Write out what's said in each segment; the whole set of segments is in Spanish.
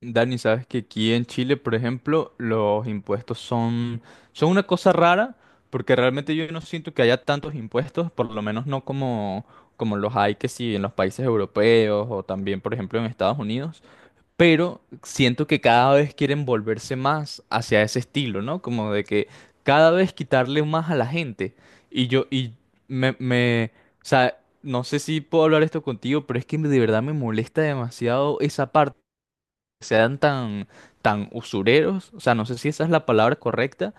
Dani, sabes que aquí en Chile, por ejemplo, los impuestos son una cosa rara, porque realmente yo no siento que haya tantos impuestos, por lo menos no como los hay que sí en los países europeos o también, por ejemplo, en Estados Unidos, pero siento que cada vez quieren volverse más hacia ese estilo, ¿no? Como de que cada vez quitarle más a la gente. Y yo, y me, O sea, no sé si puedo hablar esto contigo, pero es que de verdad me molesta demasiado esa parte sean tan usureros, o sea, no sé si esa es la palabra correcta,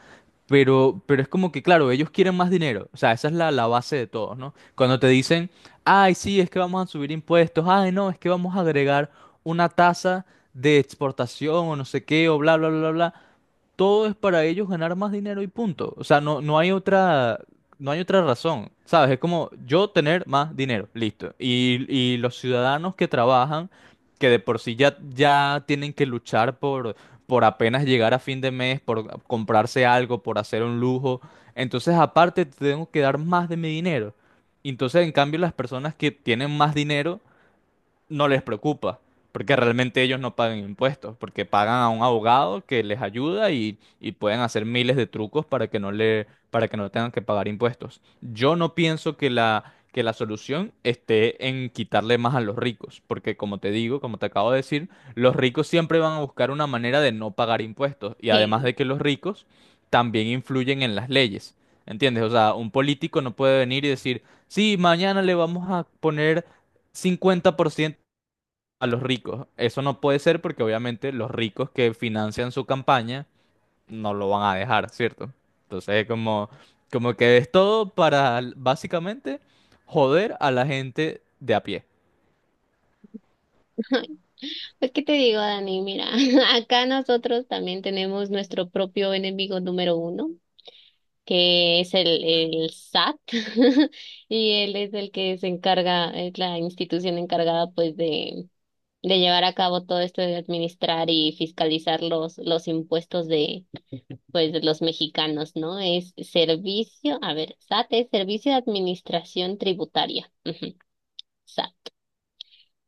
pero es como que, claro, ellos quieren más dinero, o sea, esa es la base de todos, ¿no? Cuando te dicen, ay, sí, es que vamos a subir impuestos, ay, no, es que vamos a agregar una tasa de exportación o no sé qué, o bla, bla, bla, bla, todo es para ellos ganar más dinero y punto. O sea, no hay otra razón, ¿sabes? Es como yo tener más dinero, listo. Y los ciudadanos que trabajan, que de por sí ya tienen que luchar por apenas llegar a fin de mes, por comprarse algo, por hacer un lujo, entonces aparte te tengo que dar más de mi dinero. Entonces, en cambio, las personas que tienen más dinero no les preocupa, porque realmente ellos no pagan impuestos, porque pagan a un abogado que les ayuda y pueden hacer miles de trucos para que no tengan que pagar impuestos. Yo no pienso que que la solución esté en quitarle más a los ricos, porque como te digo, como te acabo de decir, los ricos siempre van a buscar una manera de no pagar impuestos, y además Sí. de que los ricos también influyen en las leyes. ¿Entiendes? O sea, un político no puede venir y decir, sí, mañana le vamos a poner 50% a los ricos. Eso no puede ser porque obviamente los ricos que financian su campaña no lo van a dejar, ¿cierto? Entonces es como, como que es todo para básicamente joder a la gente de a pie. Pues, ¿qué te digo, Dani? Mira, acá nosotros también tenemos nuestro propio enemigo número uno, que es el SAT. Y él es el que se encarga, es la institución encargada, pues, de llevar a cabo todo esto de administrar y fiscalizar los impuestos de, pues, de los mexicanos, ¿no? Es servicio, a ver, SAT es Servicio de Administración Tributaria. Ujú, SAT.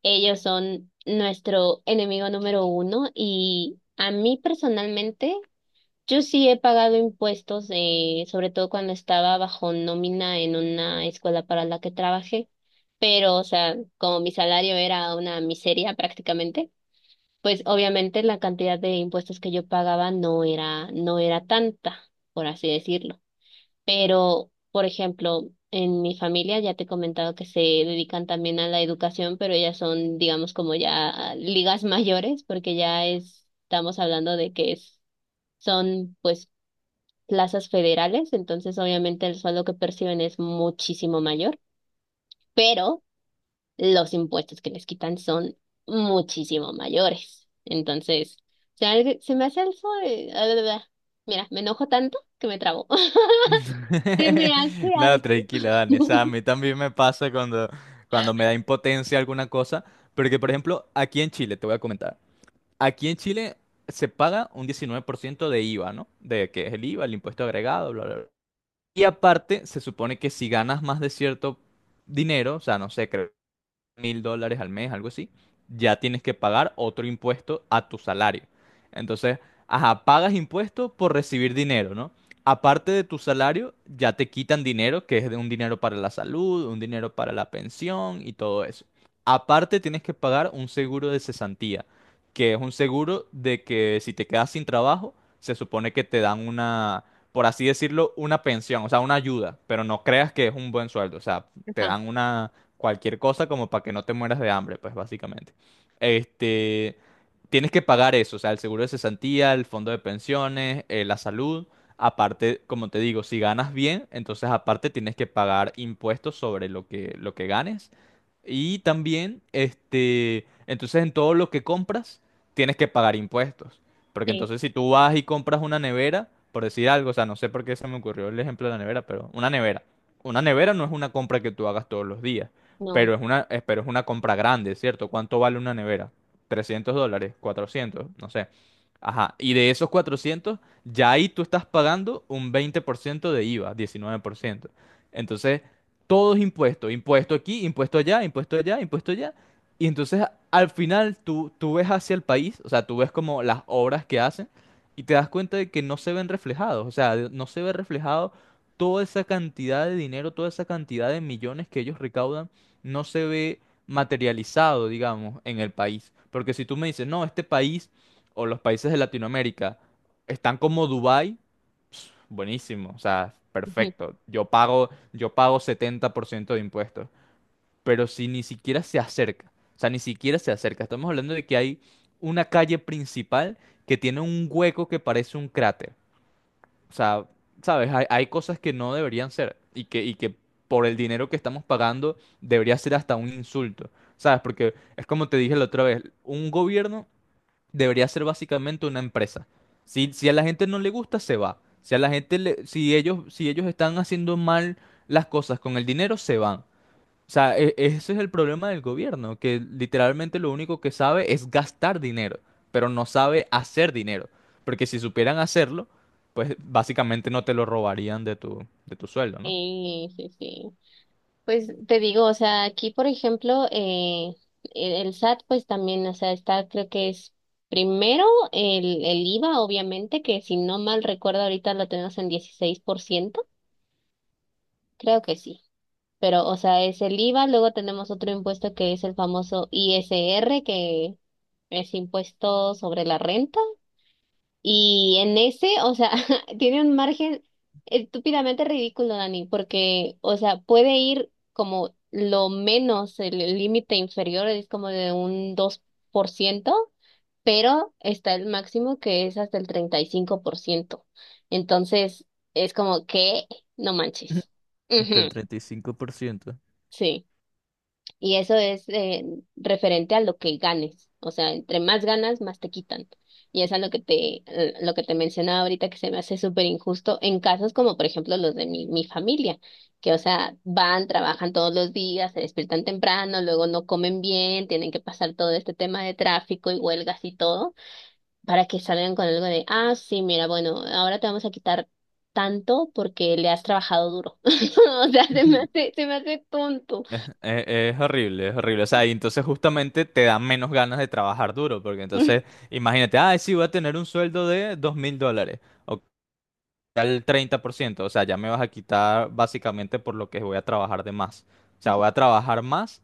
Ellos son nuestro enemigo número uno y a mí personalmente, yo sí he pagado impuestos, sobre todo cuando estaba bajo nómina en una escuela para la que trabajé, pero o sea, como mi salario era una miseria prácticamente, pues obviamente la cantidad de impuestos que yo pagaba no era tanta, por así decirlo. Pero, por ejemplo, en mi familia ya te he comentado que se dedican también a la educación, pero ellas son, digamos, como ya ligas mayores, porque ya estamos hablando de que son, pues, plazas federales, entonces obviamente el sueldo que perciben es muchísimo mayor, pero los impuestos que les quitan son muchísimo mayores. Entonces, se me hace algo... bla, bla, bla. Mira, me enojo tanto que me trabo. Se me hace No, tranquila, Dani. O sea, a algo. mí también me pasa cuando, cuando me da impotencia alguna cosa. Porque, por ejemplo, aquí en Chile, te voy a comentar. Aquí en Chile se paga un 19% de IVA, ¿no? De que es el IVA, el impuesto agregado, bla, bla, bla. Y aparte, se supone que si ganas más de cierto dinero, o sea, no sé, creo 1000 dólares al mes, algo así, ya tienes que pagar otro impuesto a tu salario. Entonces, ajá, pagas impuestos por recibir dinero, ¿no? Aparte de tu salario, ya te quitan dinero, que es de un dinero para la salud, un dinero para la pensión y todo eso. Aparte, tienes que pagar un seguro de cesantía, que es un seguro de que si te quedas sin trabajo, se supone que te dan una, por así decirlo, una pensión, o sea, una ayuda, pero no creas que es un buen sueldo, o sea, te dan una cualquier cosa como para que no te mueras de hambre, pues básicamente. Este, Tienes que pagar eso, o sea, el seguro de cesantía, el fondo de pensiones, la salud. Aparte, como te digo, si ganas bien, entonces aparte tienes que pagar impuestos sobre lo que ganes. Y también, entonces en todo lo que compras, tienes que pagar impuestos. Porque Sí, entonces si tú vas y compras una nevera, por decir algo, o sea, no sé por qué se me ocurrió el ejemplo de la nevera, pero una nevera. Una nevera no es una compra que tú hagas todos los días. no. Pero pero es una compra grande, ¿cierto? ¿Cuánto vale una nevera? ¿300 dólares? ¿400? No sé. Ajá. Y de esos 400 ya ahí tú estás pagando un 20% de IVA, 19%. Entonces, todo es impuesto. Impuesto aquí, impuesto allá, impuesto allá, impuesto allá. Y entonces, al final, tú ves hacia el país, o sea, tú ves como las obras que hacen y te das cuenta de que no se ven reflejados. O sea, no se ve reflejado toda esa cantidad de dinero, toda esa cantidad de millones que ellos recaudan no se ve materializado, digamos, en el país. Porque si tú me dices, no, este país o los países de Latinoamérica están como Dubái, buenísimo, o sea, perfecto. Yo pago 70% de impuestos. Pero si ni siquiera se acerca, o sea, ni siquiera se acerca. Estamos hablando de que hay una calle principal que tiene un hueco que parece un cráter. O sea, ¿sabes? Hay cosas que no deberían ser y que por el dinero que estamos pagando debería ser hasta un insulto, ¿sabes? Porque es como te dije la otra vez, un gobierno debería ser básicamente una empresa. Si a la gente no le gusta, se va. Si a la gente le- si ellos, si ellos están haciendo mal las cosas con el dinero, se van. O sea, ese es el problema del gobierno, que literalmente lo único que sabe es gastar dinero, pero no sabe hacer dinero. Porque si supieran hacerlo, pues básicamente no te lo robarían de tu sueldo, ¿no? Sí, sí, sí. Pues te digo, o sea, aquí, por ejemplo, el SAT, pues también, o sea, está, creo que es primero el IVA, obviamente, que si no mal recuerdo, ahorita lo tenemos en 16%, creo que sí. Pero, o sea, es el IVA, luego tenemos otro impuesto que es el famoso ISR, que es impuesto sobre la renta. Y en ese, o sea, tiene un margen estúpidamente ridículo, Dani, porque, o sea, puede ir como lo menos, el límite inferior es como de un 2%, pero está el máximo que es hasta el 35%. Entonces, es como que, no manches. Del Ujú, 35%. sí. Y eso es referente a lo que ganes. O sea, entre más ganas, más te quitan. Y eso es lo que te mencionaba ahorita que se me hace súper injusto en casos como, por ejemplo, los de mi familia, que, o sea, van, trabajan todos los días, se despiertan temprano, luego no comen bien, tienen que pasar todo este tema de tráfico y huelgas y todo, para que salgan con algo de, ah, sí, mira, bueno, ahora te vamos a quitar tanto porque le has trabajado duro. O sea, Ujú. Se me hace tonto. Es horrible, es horrible. O sea, y entonces justamente te dan menos ganas de trabajar duro, porque entonces, imagínate, ah, sí, voy a tener un sueldo de 2000 dólares. Ok, ya el 30%, o sea, ya me vas a quitar básicamente por lo que voy a trabajar de más. O sea, voy a trabajar más,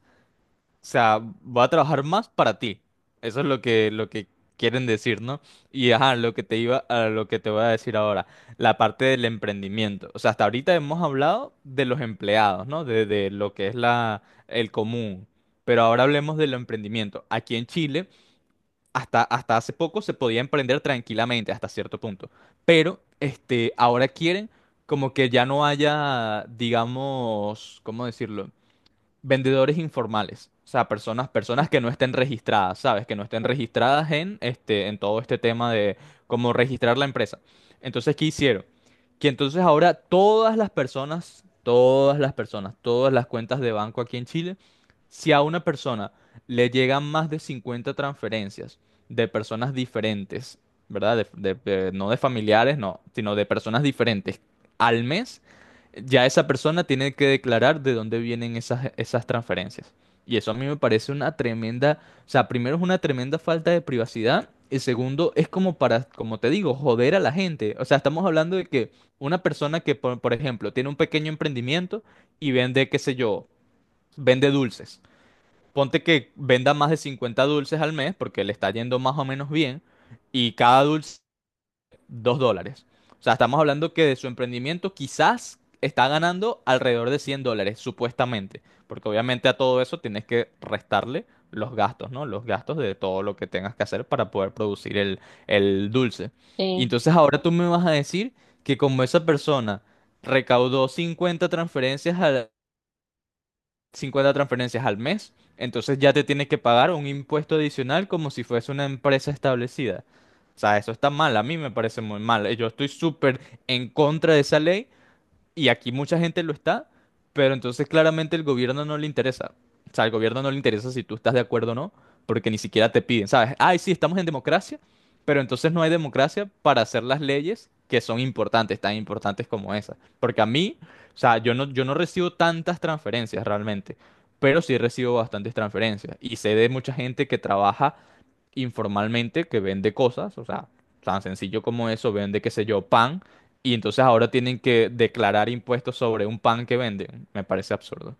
o sea, voy a trabajar más para ti. Eso es lo que quieren decir, ¿no? Y ajá, lo que te iba, a lo que te voy a decir ahora, la parte del emprendimiento. O sea, hasta ahorita hemos hablado de los empleados, ¿no? De lo que es el común. Pero ahora hablemos del emprendimiento. Aquí en Chile hasta hace poco se podía emprender tranquilamente hasta cierto punto. Pero ahora quieren como que ya no haya, digamos, ¿cómo decirlo? Vendedores informales, o sea, personas que no estén registradas, ¿sabes? Que no estén registradas en todo este tema de cómo registrar la empresa. Entonces, ¿qué hicieron? Que entonces ahora todas las cuentas de banco aquí en Chile, si a una persona le llegan más de 50 transferencias de personas diferentes, ¿verdad? No de familiares, no, sino de personas diferentes al mes, ya esa persona tiene que declarar de dónde vienen esas transferencias. Y eso a mí me parece una tremenda, o sea, primero es una tremenda falta de privacidad y segundo es como para, como te digo, joder a la gente. O sea, estamos hablando de que una persona que, por ejemplo, tiene un pequeño emprendimiento y vende, qué sé yo, vende dulces. Ponte que venda más de 50 dulces al mes porque le está yendo más o menos bien y cada dulce 2 dólares. O sea, estamos hablando que de su emprendimiento quizás está ganando alrededor de 100 dólares, supuestamente. Porque obviamente a todo eso tienes que restarle los gastos, ¿no? Los gastos de todo lo que tengas que hacer para poder producir el dulce. Y Sí. entonces ahora tú me vas a decir que como esa persona recaudó 50 transferencias al mes, entonces ya te tienes que pagar un impuesto adicional como si fuese una empresa establecida. O sea, eso está mal, a mí me parece muy mal. Yo estoy súper en contra de esa ley y aquí mucha gente lo está, pero entonces claramente el gobierno no le interesa. O sea, al gobierno no le interesa si tú estás de acuerdo o no, porque ni siquiera te piden, ¿sabes? Ay, sí, estamos en democracia, pero entonces no hay democracia para hacer las leyes que son importantes, tan importantes como esas. Porque a mí, o sea, yo no recibo tantas transferencias realmente, pero sí recibo bastantes transferencias. Y sé de mucha gente que trabaja informalmente que vende cosas, o sea, tan sencillo como eso, vende, qué sé yo, pan, y entonces ahora tienen que declarar impuestos sobre un pan que venden. Me parece absurdo.